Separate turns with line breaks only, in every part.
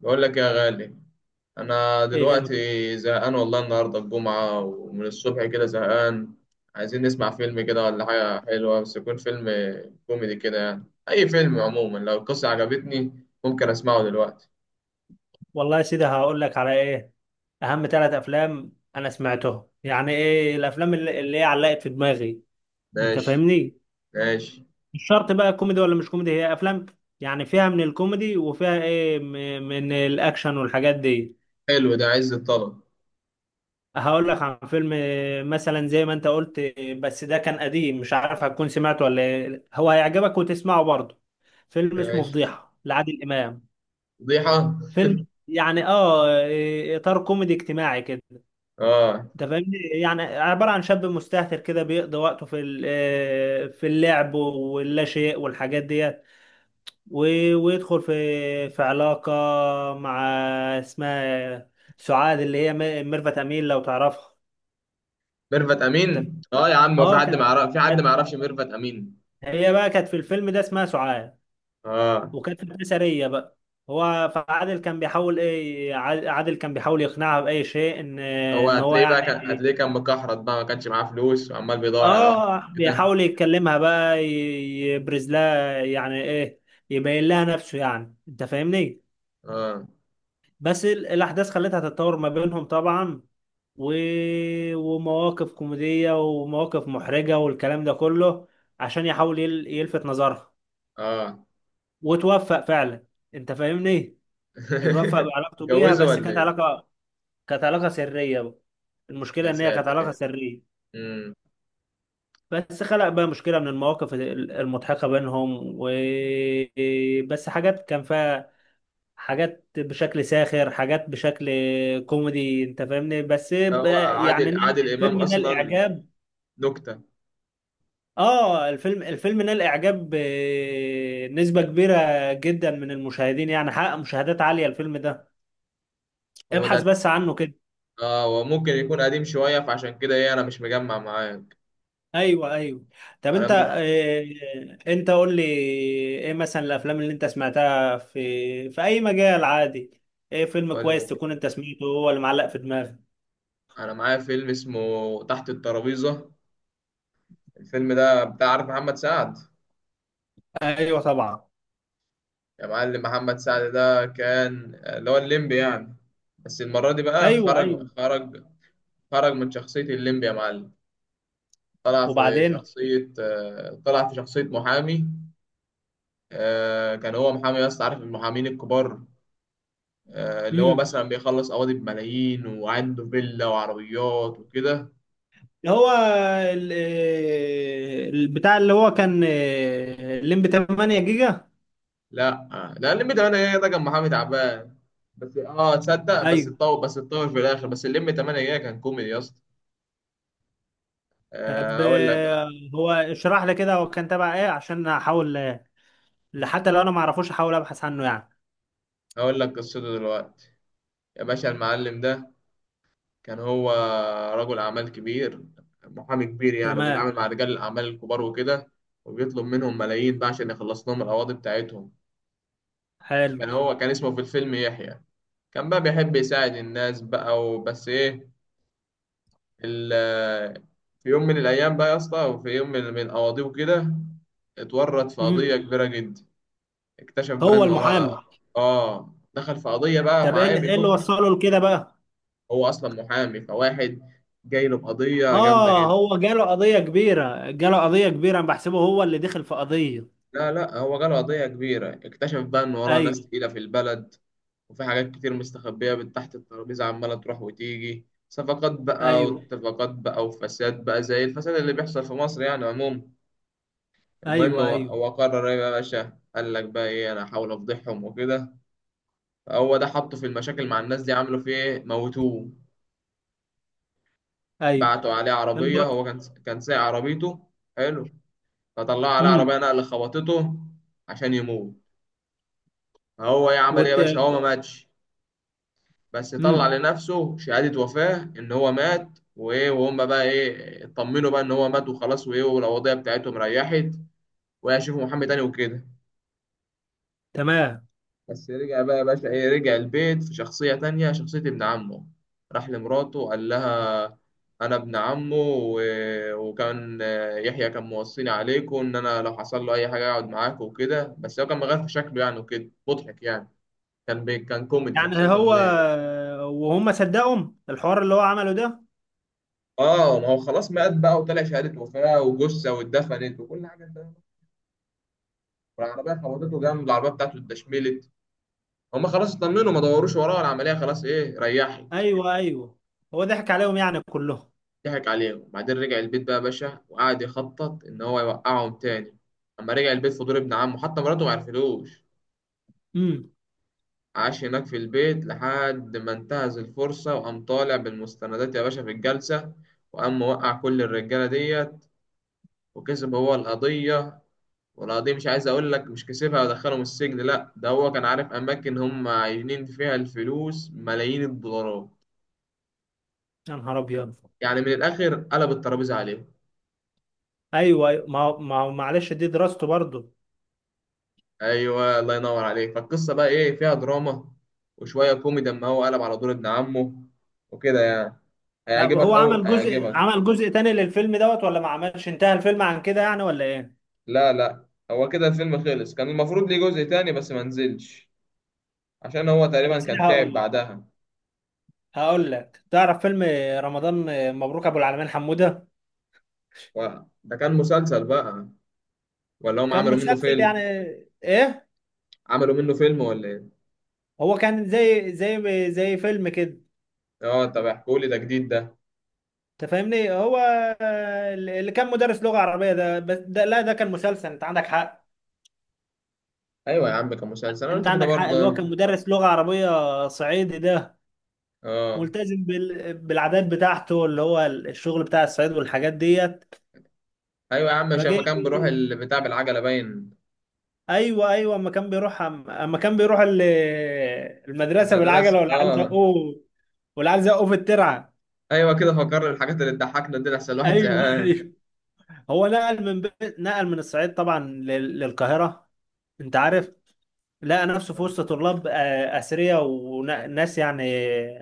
بقول لك يا غالي، انا
إيه.
دلوقتي زهقان والله. النهارده الجمعه ومن الصبح كده زهقان. عايزين نسمع فيلم كده ولا حاجه حلوه، بس يكون فيلم كوميدي كده يعني. اي فيلم عموما لو القصه عجبتني ممكن اسمعه دلوقتي.
والله يا سيدي هقول لك على ايه. اهم ثلاث افلام انا سمعتهم، يعني ايه الافلام اللي هي علقت في دماغي. انت
ماشي
فاهمني؟
ماشي.
مش شرط بقى كوميدي ولا مش كوميدي، هي افلام يعني فيها من الكوميدي وفيها ايه من الاكشن والحاجات دي.
حلو ده عز الطلب.
هقول لك عن فيلم مثلا زي ما انت قلت بس ده كان قديم مش عارف هتكون سمعته ولا إيه. هو هيعجبك وتسمعه برضه. فيلم اسمه
ماشي.
فضيحة لعادل امام.
فضيحه.
فيلم يعني اه إيه، اطار كوميدي اجتماعي كده.
اه
انت فاهمني؟ يعني عباره عن شاب مستهتر كده بيقضي وقته في في اللعب واللا شيء والحاجات ديت. ويدخل في علاقه مع اسمها سعاد اللي هي ميرفت امين لو تعرفها.
ميرفت
انت-
امين، اه يا عم هو في
اه
حد ما
كانت
يعرف؟ في حد ما
كانت-
يعرفش ميرفت امين؟
هي بقى كانت في الفيلم ده اسمها سعاد،
اه
وكانت فتاة سريه بقى. هو فعادل كان بيحاول ايه، عادل كان بيحاول يقنعها باي شيء ان
هو
ان هو
هتلاقيه بقى، كان
يعني.
هتلاقيه كان مكحرت بقى، ما كانش معاه فلوس وعمال بيدور على واحد.
اه
كده.
بيحاول يتكلمها بقى، يبرز لها يعني ايه، يبين لها نفسه يعني. انت فاهمني؟
اه.
بس الاحداث خلتها تتطور ما بينهم طبعا، و... ومواقف كوميدية ومواقف محرجة والكلام ده كله عشان يحاول يلفت نظرها،
اه.
وتوفق فعلا. انت فاهمني؟ اتوفق بعلاقته بيها،
اتجوزه
بس
ولا
كانت
ايه؟
علاقة، كانت علاقة سرية بقى. المشكلة
يا
ان هي كانت علاقة
ساتر.
سرية،
امم.
بس خلق بقى مشكلة من المواقف المضحكة بينهم و بس حاجات كان فيها، حاجات بشكل ساخر، حاجات بشكل كوميدي. انت فاهمني؟
هو
يعني
عادل، عادل امام
الفيلم نال
اصلا
اعجاب.
نكته.
اه الفيلم نال اعجاب بنسبة كبيرة جدا من المشاهدين، يعني حقق مشاهدات عالية الفيلم ده.
هو
ابحث
ده.
بس عنه كده.
اه هو ممكن يكون قديم شويه، فعشان كده ايه انا مش مجمع معاك.
ايوه ايوه. طب
انا
انت،
ممكن.
انت قول لي ايه مثلا الافلام اللي انت سمعتها في في اي مجال عادي، ايه فيلم
اقول
كويس
لك.
تكون انت سمعته هو اللي معلق في دماغك.
انا معايا فيلم اسمه تحت الترابيزه. الفيلم ده بتاع، عارف محمد سعد؟
ايوه طبعا.
يا معلم محمد سعد ده كان اللي هو الليمبي يعني. بس المره دي بقى
ايوه
خرج
ايوه
خرج خرج من شخصيه الليمبي يا معلم. طلع في
وبعدين.
شخصيه طلع في شخصيه محامي. كان هو محامي بس عارف المحامين الكبار، اللي هو
امم.
مثلا بيخلص قواضي بملايين وعنده فيلا وعربيات وكده.
هو البتاع اللي هو كان الليمبي 8 جيجا.
لا لا، الليمبي 8 جيجا ده كان محامي تعبان. بس اه تصدق، بس
ايوه.
اتطور بس اتطور في الاخر. بس الليمبي 8 جيجا كان كوميدي يا اسطى.
طب
هقول لك.
هو اشرح لي كده، هو كان تبع ايه عشان احاول حتى لو انا ما اعرفوش احاول ابحث عنه يعني.
هقول لك قصته دلوقتي. يا باشا المعلم ده كان هو رجل اعمال كبير، محامي كبير يعني،
تمام.
وبيتعامل مع رجال الاعمال الكبار وكده. وبيطلب منهم ملايين بقى عشان يخلص لهم القواضي بتاعتهم.
حلو.
كان هو، كان اسمه في الفيلم يحيى. كان بقى بيحب يساعد الناس بقى وبس ايه ال- في يوم من الايام بقى يا اسطى، وفي يوم من القواضيع كده، اتورط في
مم.
قضية كبيرة جدا. اكتشف بقى
هو
ان
المحامي.
وراه. اه دخل في قضية بقى
طب ايه
معاه
اللي إيه اللي
بيفك.
وصله لكده بقى.
هو اصلا محامي، فواحد جاي له بقضية جامدة
اه
جدا.
هو جاله قضية كبيرة، جاله قضية كبيرة، انا بحسبه هو اللي دخل في قضية.
لا لا هو جاله قضية كبيرة، اكتشف بقى ان وراه ناس
ايوه
تقيلة في البلد، وفي حاجات كتير مستخبية من تحت الترابيزة، عمالة تروح وتيجي صفقات بقى
ايوه.
واتفاقات بقى وفساد بقى زي الفساد اللي بيحصل في مصر يعني عموما. المهم
ايوه
هو
ايوه
هو قرر ايه بقى يا باشا؟ قال لك بقى ايه، انا هحاول افضحهم وكده. هو ده حطه في المشاكل مع الناس دي. عملوا فيه ايه؟ موتوه.
ايوه.
بعتوا عليه عربية، هو كان، كان سايق عربيته. حلو. فطلعوا عليه
امم.
عربية نقل خبطته عشان يموت. هو ايه عمل ايه يا
وت...
باشا؟ هو ما ماتش. بس طلع
امم.
لنفسه شهادة وفاة إن هو مات وإيه، وهم بقى إيه اطمنوا بقى إن هو مات وخلاص وإيه، والوضعية بتاعتهم ريحت، وهيشوفوا محمد تاني وكده.
تمام.
بس رجع بقى يا باشا إيه، رجع البيت في شخصية تانية، شخصية ابن عمه. راح لمراته قال لها، أنا ابن عمه وكان يحيى كان موصيني عليكم إن أنا لو حصل له أي حاجة أقعد معاكم وكده، بس هو كان مغير في شكله يعني وكده مضحك يعني. كان كوميدي، شخصية
يعني هو،
كوميدية.
وهم صدقهم الحوار اللي هو عمله ده؟
اه ما هو خلاص مات بقى وطلع شهادة وفاة وجثة واتدفنت وكل حاجة انت. والعربية خبطته جامد، العربية بتاعته اتدشملت. هما خلاص اطمنوا، ما دوروش وراه، العملية خلاص ايه ريحت.
ايوه ايوه. هو ضحك عليهم يعني كلهم.
ضحك عليهم وبعدين رجع البيت بقى يا باشا وقعد يخطط ان هو يوقعهم تاني. اما رجع البيت في دور ابن عمه حتى مراته ما عرفتلوش.
امم.
عاش هناك في البيت لحد ما انتهز الفرصة، وقام طالع بالمستندات يا باشا في الجلسة، وقام موقع كل الرجالة ديت، وكسب هو القضية. ولا دي مش عايز اقول لك مش كسبها ودخلهم السجن لا، ده هو كان عارف اماكن هم عايزين فيها الفلوس، ملايين الدولارات.
يا نهار ابيض.
يعني من الاخر قلب الترابيزه عليهم.
ايوه أيوة. ما هو معلش دي دراسته برضه.
ايوه الله ينور عليك. فالقصه بقى ايه فيها دراما وشويه كوميدي، اما هو قلب على دور ابن عمه وكده يعني.
لا
هيعجبك
هو
او
عمل جزء،
هيعجبك.
تاني للفيلم دوت، ولا ما عملش، انتهى الفيلم عن كده يعني ولا ايه؟
لا لا هو كده الفيلم خلص. كان المفروض ليه جزء تاني بس ما نزلش، عشان هو
طب يا
تقريبا
سيدي
كان تعب
هقول
بعدها
هقول لك تعرف فيلم رمضان مبروك ابو العلمين حمودة؟
و... ده كان مسلسل بقى ولا هم
كان
عملوا منه
مسلسل يعني.
فيلم؟
ايه،
عملوا منه فيلم ولا؟
هو كان زي فيلم كده.
اه طب احكوا لي، ده جديد ده.
انت فاهمني؟ هو اللي كان مدرس لغة عربية ده، بس ده لا ده كان مسلسل انت عندك حق.
ايوه يا عم كان مسلسل، انا
انت
قلت كده
عندك حق، اللي
برضه.
هو كان مدرس لغة عربية صعيدي ده
اه.
ملتزم بالعادات بتاعته اللي هو الشغل بتاع الصعيد والحاجات ديت.
ايوه يا عم، مش
فجه.
لما كان بروح البتاع بالعجله باين؟
ايوه ايوه. اما كان بيروح المدرسه بالعجله،
المدرسه
والعيال
اه.
زقوه، في الترعه.
ايوه كده، فكر الحاجات اللي تضحكنا دي لحسن الواحد
ايوه
زهقان.
ايوه. هو نقل نقل من الصعيد طبعا للقاهره. انت عارف. لقى نفسه في وسط طلاب اثرياء، وناس يعني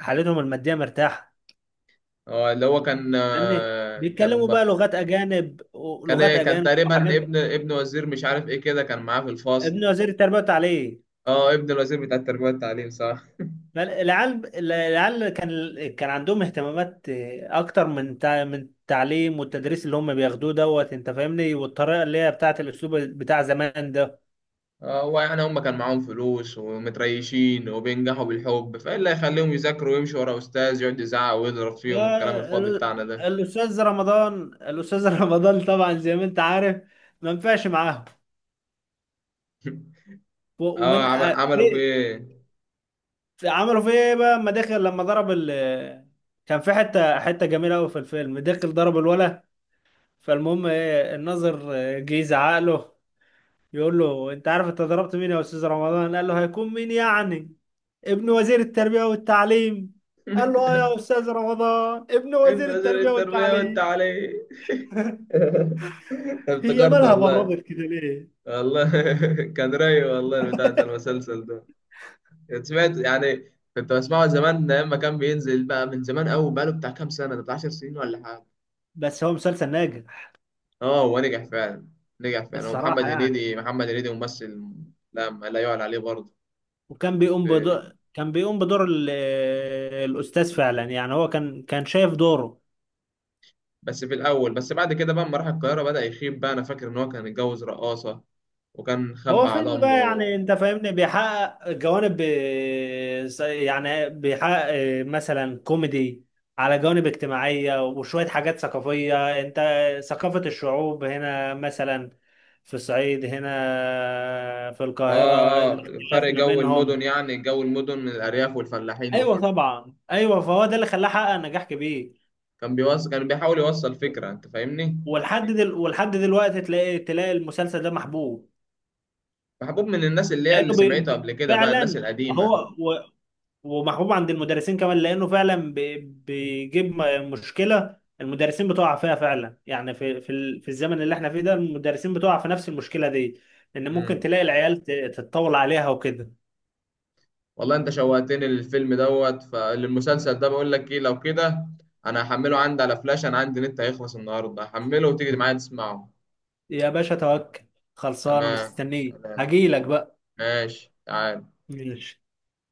حالتهم الماديه مرتاحه.
اه، اللي هو كان
فاهمني؟ بيتكلموا بقى لغات اجانب،
كان
ولغات
إيه؟ كان
اجانب
تقريبا
وحاجات.
ابن وزير مش عارف ايه كده كان معاه في
ابن
الفصل.
وزير التربيه والتعليم.
اه، ابن الوزير بتاع التربيه والتعليم صح.
العيال كان عندهم اهتمامات اكتر من من التعليم والتدريس اللي هم بياخدوه دوت. انت فاهمني؟ والطريقه اللي هي بتاعه الاسلوب بتاع زمان ده.
اه هو يعني هم كان معاهم فلوس ومتريشين وبينجحوا بالحب، فايه اللي هيخليهم يذاكروا ويمشوا ورا استاذ يقعد يزعق ويضرب فيهم والكلام الفاضي بتاعنا ده.
الاستاذ رمضان، الاستاذ رمضان طبعا زي ما انت عارف ما ينفعش معاهم. و-
اه
ومن أ-
عملوا في ايه؟
عملوا فيه ايه بقى لما ضرب كان في حته جميله قوي في الفيلم، دخل ضرب الولا. فالمهم ايه، الناظر جه يزعق له، بيقول له انت عارف انت ضربت مين يا استاذ رمضان؟ قال له هيكون مين يعني؟ ابن وزير التربية والتعليم. قال له اه يا استاذ رمضان ابن
ابن
وزير
وزير
التربية
التربية وانت
والتعليم.
عليه.
هي
افتكرت
مالها
والله.
بردت كده ليه؟
والله كان رايق والله بتاع ده المسلسل ده. كنت سمعت يعني، كنت بسمعه زمان ايام ما كان بينزل بقى من زمان قوي، بقاله بتاع كام سنة ده، بتاع 10 سنين ولا حاجة.
بس هو مسلسل ناجح.
اه هو نجح فعلا. نجح فعلا، هو محمد
الصراحة يعني.
هنيدي، محمد هنيدي ممثل لا، ما لا يعلى عليه برضه.
وكان بيقوم بدور، كان بيقوم بدور الأستاذ فعلا. يعني هو كان، كان شايف دوره.
بس في الأول، بس بعد كده بقى لما راح القاهرة بدأ يخيب بقى، أنا فاكر إن هو كان اتجوز رقاصة وكان
هو
خبى على
فيلم بقى
أمه.
يعني، انت فاهمني، بيحقق جوانب يعني بيحقق مثلا كوميدي على جوانب اجتماعية وشوية حاجات ثقافية. انت ثقافة الشعوب هنا مثلا، في الصعيد، هنا في
اه
القاهرة،
اه، فرق
الاختلاف ما
جو
بينهم.
المدن، يعني جو المدن من الارياف والفلاحين
ايوه
وكده.
طبعا. ايوه فهو ده اللي خلاه حقق نجاح كبير.
كان بيوصل، كان بيحاول يوصل فكره انت فاهمني.
ولحد دلوقتي تلاقي المسلسل ده محبوب.
محبوب من الناس اللي هي
لانه
اللي سمعته قبل كده بقى، الناس
فعلا،
القديمه.
هو ومحبوب عند المدرسين كمان لانه فعلا بيجيب مشكله المدرسين بتقع فيها فعلا يعني، في في الزمن اللي احنا فيه ده، المدرسين بتقع في نفس المشكله دي، ان ممكن
امم.
تلاقي العيال تتطول عليها وكده.
والله انت شوقتني للفيلم دوت، فالمسلسل ده بقول لك ايه لو كده انا هحمله عندي على فلاش، انا عندي نت هيخلص النهارده هحمله وتيجي معايا تسمعه.
يا باشا توكل. خلصانه
تمام
مستنيه
سلام.
هجيلك بقى.
ماشي تعال.
ماشي.